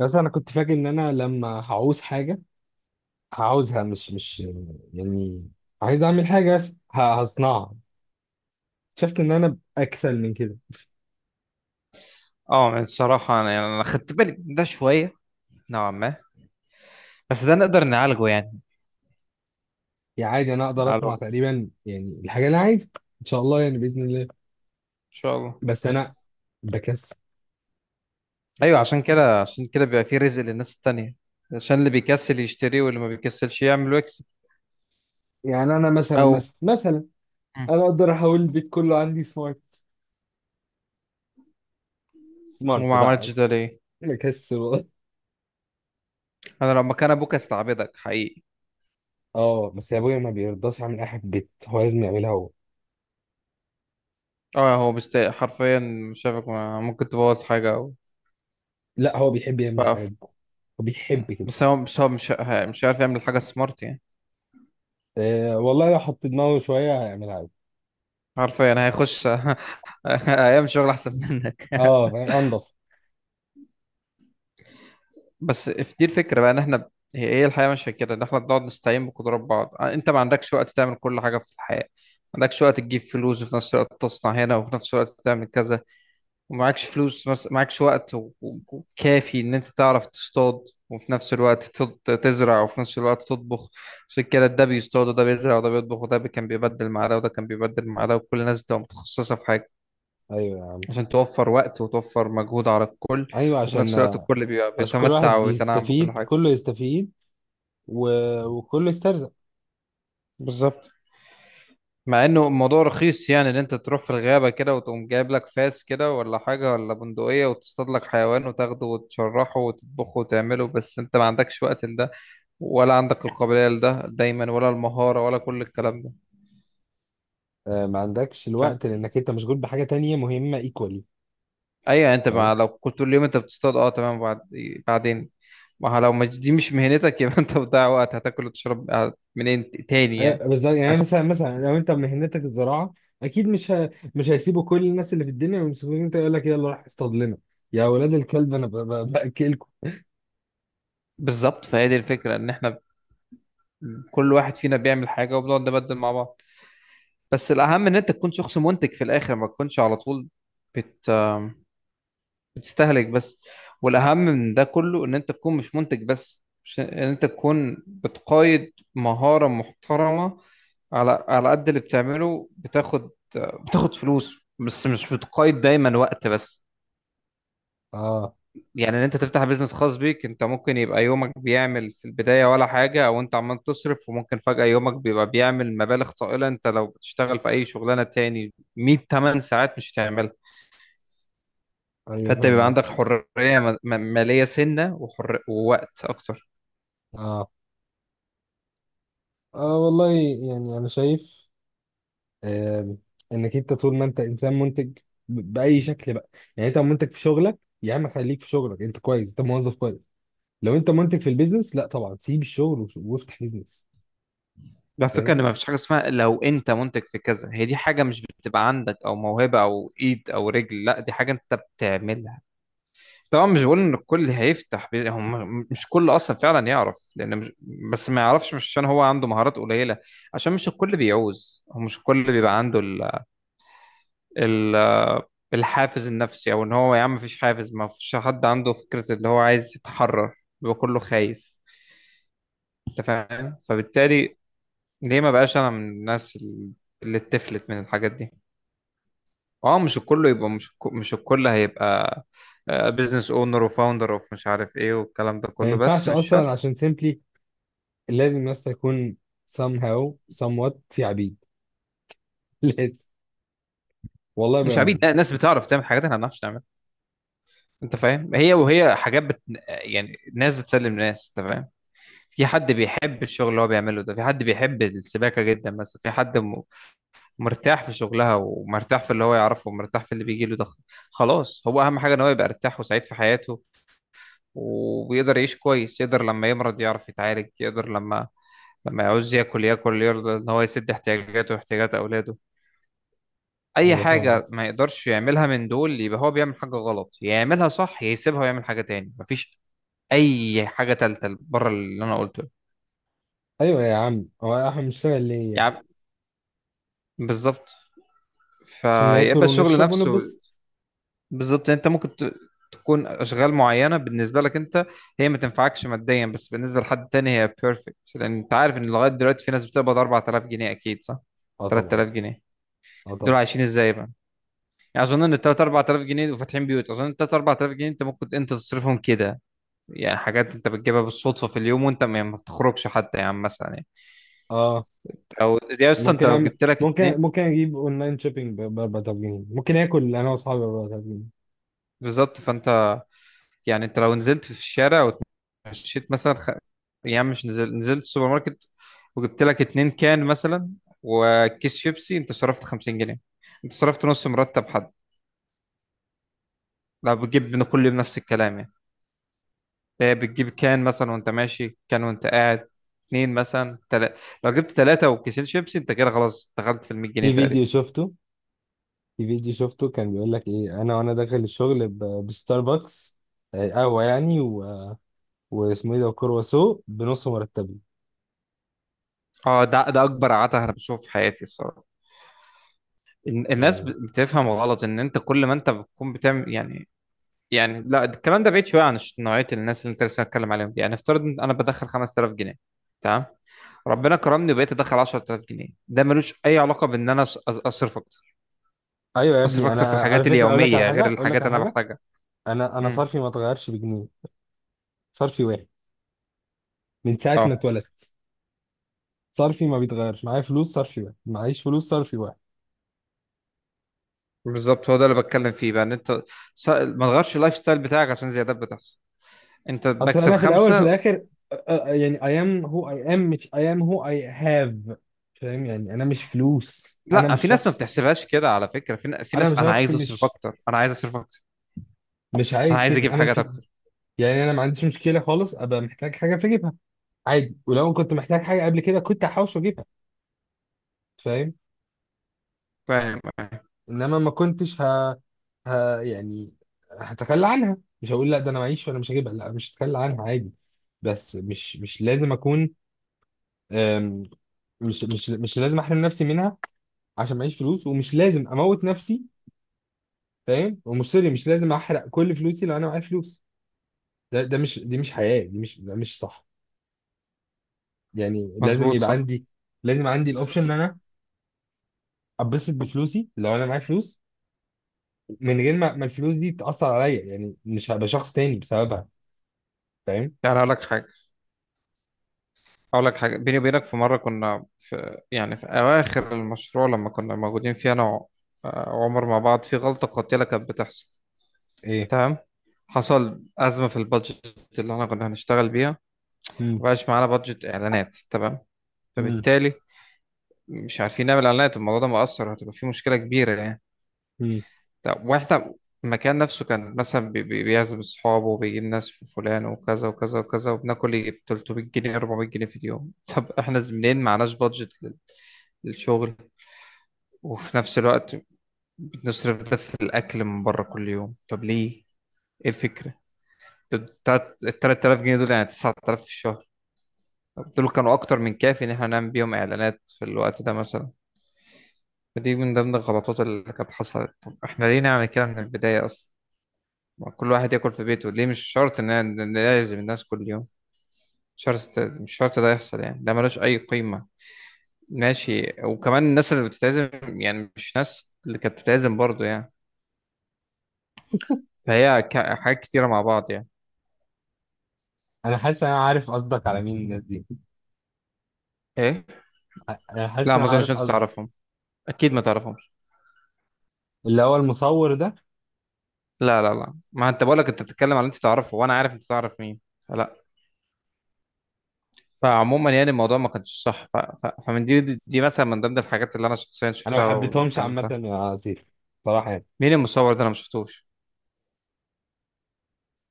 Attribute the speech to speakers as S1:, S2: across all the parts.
S1: بس انا كنت فاكر ان انا لما هعوز حاجه هعوزها، مش يعني عايز اعمل حاجه، بس هصنعها. اكتشفت ان انا اكسل من كده.
S2: اه، يعني الصراحة أنا يعني أنا خدت بالي من ده شوية، نوعا ما. بس ده نقدر نعالجه يعني،
S1: يعني عادي انا اقدر
S2: على
S1: اصنع
S2: الوقت إن
S1: تقريبا يعني الحاجه اللي انا عايزها، ان شاء الله يعني باذن الله.
S2: شاء الله.
S1: بس انا بكسل.
S2: أيوة، عشان كده بيبقى فيه رزق للناس التانية، عشان اللي بيكسل يشتري واللي ما بيكسلش يعمل ويكسب.
S1: يعني انا مثلا
S2: أو
S1: مثلا مثلا
S2: مم.
S1: انا اقدر احول البيت كله عندي سمارت، سمارت
S2: وما
S1: بقى.
S2: عملتش ده ليه؟
S1: بكسل والله.
S2: أنا لو مكان أبوك أستعبدك حقيقي.
S1: اه، بس يا ابويا ما بيرضاش يعمل اي حاجه في البيت، هو لازم يعملها هو.
S2: أه، هو مستاء حرفيا شافك ممكن تبوظ حاجة أو
S1: لا، هو بيحب يعمل الحاجات
S2: فقف.
S1: دي. هو بيحب كده.
S2: بس هو مش عارف يعمل حاجة سمارت يعني.
S1: أه والله لو حط دماغه شويه هيعملها.
S2: حرفيا هيخش أيام شغل أحسن منك.
S1: اه فاهم؟ انضف.
S2: بس في دي الفكرة بقى، ان احنا هي الحياة مش كده، ان احنا بنقعد نستعين بقدرات بعض. آه، انت ما عندكش وقت تعمل كل حاجة في الحياة، ما عندكش وقت تجيب فلوس وفي نفس الوقت تصنع هنا وفي نفس الوقت تعمل كذا، معكش وقت وكافي ان انت تعرف تصطاد وفي نفس الوقت تزرع وفي نفس الوقت تطبخ. عشان كده ده بيصطاد وده بيزرع وده بيطبخ وده كان بيبدل مع ده وده كان بيبدل مع ده، وكل الناس بتبقى متخصصة في حاجة،
S1: ايوه،
S2: عشان توفر وقت وتوفر مجهود على الكل،
S1: ايوه،
S2: وفي
S1: عشان
S2: نفس الوقت الكل بيبقى
S1: عشان كل
S2: بيتمتع
S1: واحد
S2: ويتنعم بكل
S1: يستفيد،
S2: حاجة.
S1: كله يستفيد. و... وكله يسترزق.
S2: بالظبط. مع انه الموضوع رخيص، يعني ان انت تروح في الغابة كده وتقوم جايب لك فاس كده ولا حاجة ولا بندقية وتصطاد لك حيوان وتاخده وتشرحه وتطبخه وتعمله، بس انت ما عندكش وقت لده، ولا عندك القابلية لده دايما، ولا المهارة، ولا كل الكلام ده.
S1: آه، ما عندكش الوقت
S2: فاهم.
S1: لانك انت مشغول بحاجه تانية مهمه ايكوالي.
S2: ايوه، انت مع
S1: فاهم.
S2: لو كنت طول اليوم انت بتصطاد، اه تمام، بعد بعدين ما هو لو مش دي مش مهنتك يبقى انت بتضيع وقت، هتاكل وتشرب تاني يعني.
S1: آه، بالظبط. يعني
S2: بس
S1: مثلا لو انت مهنتك الزراعه، اكيد مش هيسيبوا كل الناس اللي في الدنيا ويمسكوك انت يقول لك يلا روح اصطاد لنا يا اولاد الكلب، انا باكلكم.
S2: بالظبط، فهي دي الفكرة، ان احنا كل واحد فينا بيعمل حاجة وبنقعد نبدل مع بعض. بس الأهم إن أنت تكون شخص منتج في الآخر، ما تكونش على طول بت... بتستهلك بس. والأهم من ده كله إن أنت تكون مش منتج بس، مش إن أنت تكون بتقايد مهارة محترمة، على قد اللي بتعمله بتاخد، بتاخد فلوس، بس مش بتقايد دايما وقت بس.
S1: اه،
S2: يعني ان انت تفتح بيزنس خاص بيك، انت ممكن يبقى يومك بيعمل في البداية ولا حاجة او انت عمال تصرف، وممكن فجأة يومك بيبقى بيعمل مبالغ طائلة. انت لو بتشتغل في اي شغلانة تاني 100 8 ساعات مش هتعملها.
S1: ايوه
S2: فانت
S1: فاهم
S2: بيبقى عندك
S1: قصدي.
S2: حرية مالية سنة ووقت اكتر.
S1: اه، اه والله يعني انا شايف، آه، انك انت طول ما انت انسان منتج باي شكل بقى. يعني انت منتج في شغلك، يا عم خليك في شغلك، انت كويس، انت موظف كويس. لو انت منتج في البيزنس، لا طبعا سيب الشغل وافتح بيزنس.
S2: بقى الفكرة
S1: فاهم.
S2: ان ما فيش حاجة اسمها لو انت منتج في كذا، هي دي حاجة مش بتبقى عندك، او موهبة او ايد او رجل، لا، دي حاجة انت بتعملها. طبعا مش بقول ان الكل هم مش كل اصلا فعلا يعرف، لان مش، بس ما يعرفش مش عشان هو عنده مهارات قليله، عشان مش الكل بيعوز، هو مش الكل بيبقى عنده ال... الحافز النفسي، او ان هو يا عم مفيش حافز، ما فيش حد عنده فكره اللي هو عايز يتحرر، بيبقى كله خايف. انت فاهم؟ فبالتالي ليه ما بقاش انا من الناس اللي اتفلت من الحاجات دي. اه، مش الكل يبقى، مش الكل هيبقى بزنس اونر وفاوندر اوف مش عارف ايه والكلام ده
S1: ما
S2: كله، بس
S1: ينفعش
S2: مش
S1: اصلا،
S2: شرط.
S1: عشان سيمبلي لازم بس يكون somehow somewhat في عبيد. لازم. والله
S2: مش عبيد،
S1: بامان.
S2: لا، ناس بتعرف تعمل حاجات احنا ما بنعرفش نعملها. انت فاهم؟ هي حاجات يعني ناس بتسلم ناس، انت فاهم. في حد بيحب الشغل اللي هو بيعمله ده، في حد بيحب السباكه جدا مثلا، مرتاح في شغلها ومرتاح في اللي هو يعرفه ومرتاح في اللي بيجي له ده. خلاص، هو اهم حاجه ان هو يبقى مرتاح وسعيد في حياته، وبيقدر يعيش كويس، يقدر لما يمرض يعرف يتعالج، يقدر لما لما يعوز ياكل ياكل، يرضى ان هو يسد احتياجاته واحتياجات اولاده. اي
S1: ايوه فاهم عارف.
S2: حاجه ما يقدرش يعملها من دول يبقى هو بيعمل حاجه غلط، يا يعملها صح يا يسيبها ويعمل حاجه تاني، مفيش اي حاجه تالته بره اللي انا قلته ده.
S1: ايوه يا عم، هو احنا بنشتغل ليه يعني؟
S2: يعني بالظبط،
S1: عشان ناكل
S2: فيبقى الشغل
S1: ونشرب
S2: نفسه.
S1: ونلبس.
S2: بالظبط. تكون اشغال معينه بالنسبه لك انت هي ما تنفعكش ماديا، بس بالنسبه لحد تاني هي بيرفكت. لان انت عارف ان لغايه دلوقتي في ناس بتقبض 4000 جنيه، اكيد صح.
S1: اه طبعا.
S2: 3000 جنيه،
S1: اه
S2: دول
S1: طبعا.
S2: عايشين ازاي بقى؟ يعني اظن ان 3 4000 جنيه وفاتحين بيوت، اظن 3 4000 جنيه انت ممكن انت تصرفهم كده. يعني حاجات انت بتجيبها بالصدفه في اليوم وانت ما بتخرجش حتى، يعني مثلا يعني،
S1: اه،
S2: او يا اسطى انت
S1: ممكن
S2: لو
S1: أعمل،
S2: جبت لك اتنين.
S1: ممكن، ممكن اجيب اونلاين شوبينج ب 4000 جنيه، ممكن اكل انا واصحابي ب 4000 جنيه.
S2: بالظبط. فانت يعني انت لو نزلت في الشارع ومشيت مثلا يعني مش نزل... نزلت السوبر ماركت وجبت لك اتنين كان مثلا وكيس شيبسي، انت صرفت 50 جنيه، انت صرفت نص مرتب حد لو بتجيب من كل يوم نفس الكلام يعني. ده بتجيب كان مثلا وانت ماشي، كان وانت قاعد اتنين مثلا لو جبت ثلاثة وكيسين شيبسي انت كده خلاص دخلت في ال 100 جنيه
S1: في
S2: تقريبا.
S1: فيديو شفته، في فيديو شفته كان بيقول لك ايه، انا وانا داخل الشغل بستاربكس، آه، قهوه يعني، واسمه ايه ده، وكرواسو بنص مرتبي
S2: اه ده اكبر عته انا بشوفه في حياتي الصراحه.
S1: يعني.
S2: بتفهم غلط ان انت كل ما انت بتكون بتعمل يعني، يعني لا الكلام ده بعيد شويه عن نوعيه الناس اللي انت لسه هتكلم عليهم دي. يعني افترض ان انا بدخل 5000 جنيه، تمام، ربنا كرمني وبقيت ادخل 10000 جنيه، ده ملوش اي علاقه بان انا اصرف اكتر،
S1: ايوه يا
S2: اصرف
S1: ابني،
S2: اكتر في
S1: انا على
S2: الحاجات
S1: فكره اقول لك على
S2: اليوميه
S1: حاجه،
S2: غير
S1: اقول لك
S2: الحاجات
S1: على
S2: اللي انا
S1: حاجه.
S2: بحتاجها.
S1: انا
S2: امم.
S1: صرفي ما اتغيرش بجنيه. صرفي واحد من ساعه ما
S2: اه
S1: اتولدت. صرفي ما بيتغيرش، معايا فلوس صرفي واحد، معيش فلوس صرفي واحد.
S2: بالظبط، هو ده اللي بتكلم فيه بقى، ان انت ما تغيرش اللايف ستايل بتاعك عشان زيادات بتحصل، انت
S1: اصل
S2: بكسب
S1: انا في الاول في
S2: خمسه.
S1: الاخر، يعني I am who I am مش I am who I have. فاهم؟ يعني انا مش فلوس، انا
S2: لا
S1: مش
S2: في ناس ما
S1: شخص.
S2: بتحسبهاش كده على فكرة، في، في
S1: انا
S2: ناس
S1: مش
S2: انا
S1: شخص،
S2: عايز اصرف
S1: مش
S2: اكتر، انا عايز اصرف اكتر،
S1: مش
S2: انا
S1: عايز
S2: عايز
S1: كده
S2: اجيب
S1: انا
S2: حاجات
S1: في.
S2: اكتر،
S1: يعني انا ما عنديش مشكله خالص، ابقى محتاج حاجه فاجيبها عادي. ولو كنت محتاج حاجه قبل كده كنت هحوش واجيبها. فاهم.
S2: فاهم؟
S1: انما ما كنتش يعني هتخلى عنها. مش هقول لا ده انا معيش وانا مش هجيبها، لا مش هتخلى عنها عادي. بس مش لازم اكون، أم، مش لازم احرم نفسي منها عشان معيش فلوس، ومش لازم اموت نفسي. فاهم؟ ومش، سوري، مش لازم احرق كل فلوسي لو انا معايا فلوس. ده، ده مش، دي مش حياة، دي مش، ده مش صح. يعني لازم
S2: مظبوط،
S1: يبقى
S2: صح.
S1: عندي، لازم عندي الاوبشن ان انا اتبسط بفلوسي لو انا معايا فلوس، من غير ما الفلوس دي بتأثر عليا، يعني مش هبقى شخص تاني بسببها. فاهم؟
S2: يعني اقول لك حاجة، اقول لك حاجة بيني وبينك. في مرة كنا في يعني في اواخر المشروع لما كنا موجودين فيه انا آه، وعمر مع بعض، في غلطة قاتلة كانت بتحصل.
S1: ايه.
S2: تمام؟ حصل أزمة في البادجت اللي احنا كنا هنشتغل بيها،
S1: مم.
S2: مبقاش معانا بادجت إعلانات. تمام؟
S1: مم.
S2: فبالتالي مش عارفين نعمل إعلانات، الموضوع ده مؤثر، هتبقى فيه مشكلة كبيرة يعني.
S1: مم.
S2: طب واحنا المكان نفسه كان مثلا بيعزم أصحابه وبيجيب ناس في فلان وكذا وكذا وكذا، وبناكل 300 جنيه 400 جنيه في اليوم طب احنا منين؟ معناش بادجت للشغل، وفي نفس الوقت بنصرف ده في الأكل من بره كل يوم. طب ليه؟ ايه الفكرة؟ ال 3000 جنيه دول يعني 9000 في الشهر. طب دول كانوا أكتر من كافي إن احنا نعمل بيهم إعلانات في الوقت ده مثلا. فدي من ضمن الغلطات اللي كانت حصلت. طب احنا ليه نعمل كده من البداية أصلا؟ ما كل واحد ياكل في بيته، ليه مش شرط ان إن نعزم الناس كل يوم. مش شرط، مش شرط ده يحصل يعني، ده ملوش اي قيمة. ماشي. وكمان الناس اللي بتتعزم، يعني مش ناس اللي كانت بتتعزم برضه يعني. فهي حاجات كتيرة مع بعض يعني.
S1: انا حاسس إن انا عارف قصدك على مين الناس دي.
S2: ايه.
S1: انا حاسس
S2: لا،
S1: ان
S2: ما
S1: انا عارف
S2: اظنش انت
S1: قصدك.
S2: تعرفهم، اكيد ما تعرفهمش.
S1: اللي هو المصور ده.
S2: لا لا لا، ما انت بقولك انت بتتكلم على اللي انت تعرفه وانا عارف انت تعرف مين، فلا. فعموما يعني الموضوع ما كانش صح، فمن دي مثلا من ضمن الحاجات اللي انا شخصيا
S1: انا ما
S2: شفتها
S1: حبيتهمش عامة
S2: واتعلمتها.
S1: يا عصير، صراحة يعني.
S2: مين المصور ده؟ انا ما شفتوش.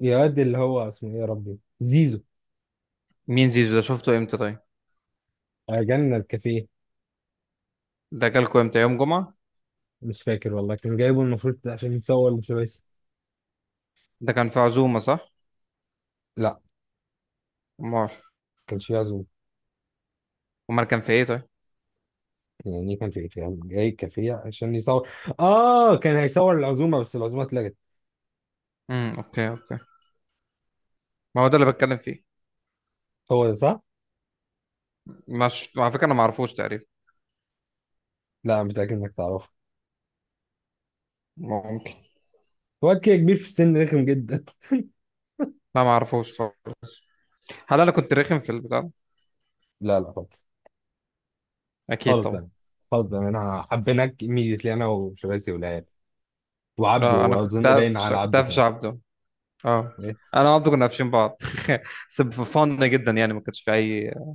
S1: يا واد، اللي هو اسمه ايه يا ربي، زيزو.
S2: مين زيزو ده؟ شفته امتى طيب؟
S1: آه، جنة الكافيه.
S2: ده جالكوا امتى، يوم جمعة؟
S1: مش فاكر والله، كانوا جايبه المفروض عشان يتصور مش بس.
S2: ده كان في عزومة صح؟
S1: لا،
S2: امال؟
S1: كانش فيه عزومة.
S2: امال كان في ايه طيب؟
S1: يعني كان في، كان جاي كافيه عشان يصور. اه كان هيصور العزومة بس العزومة اتلغت.
S2: امم، اوكي اوكي. ما هو ده اللي بتكلم فيه.
S1: هو ده صح؟
S2: مش على فكرة انا ما اعرفوش تقريبا.
S1: لا، أنا متأكد انك تعرفه.
S2: ممكن.
S1: واد كده كبير في السن، رخم جدا.
S2: لا ما اعرفوش خالص. هل انا كنت رخم في البتاع ده؟
S1: لا لا خالص.
S2: اكيد
S1: خالص
S2: طبعا.
S1: بقى. خالص بقى انا حبيناك immediately، انا وشباسي والعيال وعبده،
S2: اه انا كنت
S1: واظن باين
S2: قافش،
S1: على
S2: كنت
S1: عبده
S2: قافش
S1: كمان.
S2: عبده. اه،
S1: إيه؟
S2: انا وعبده كنا قافشين بعض. بس فن جدا يعني، ما كانش في اي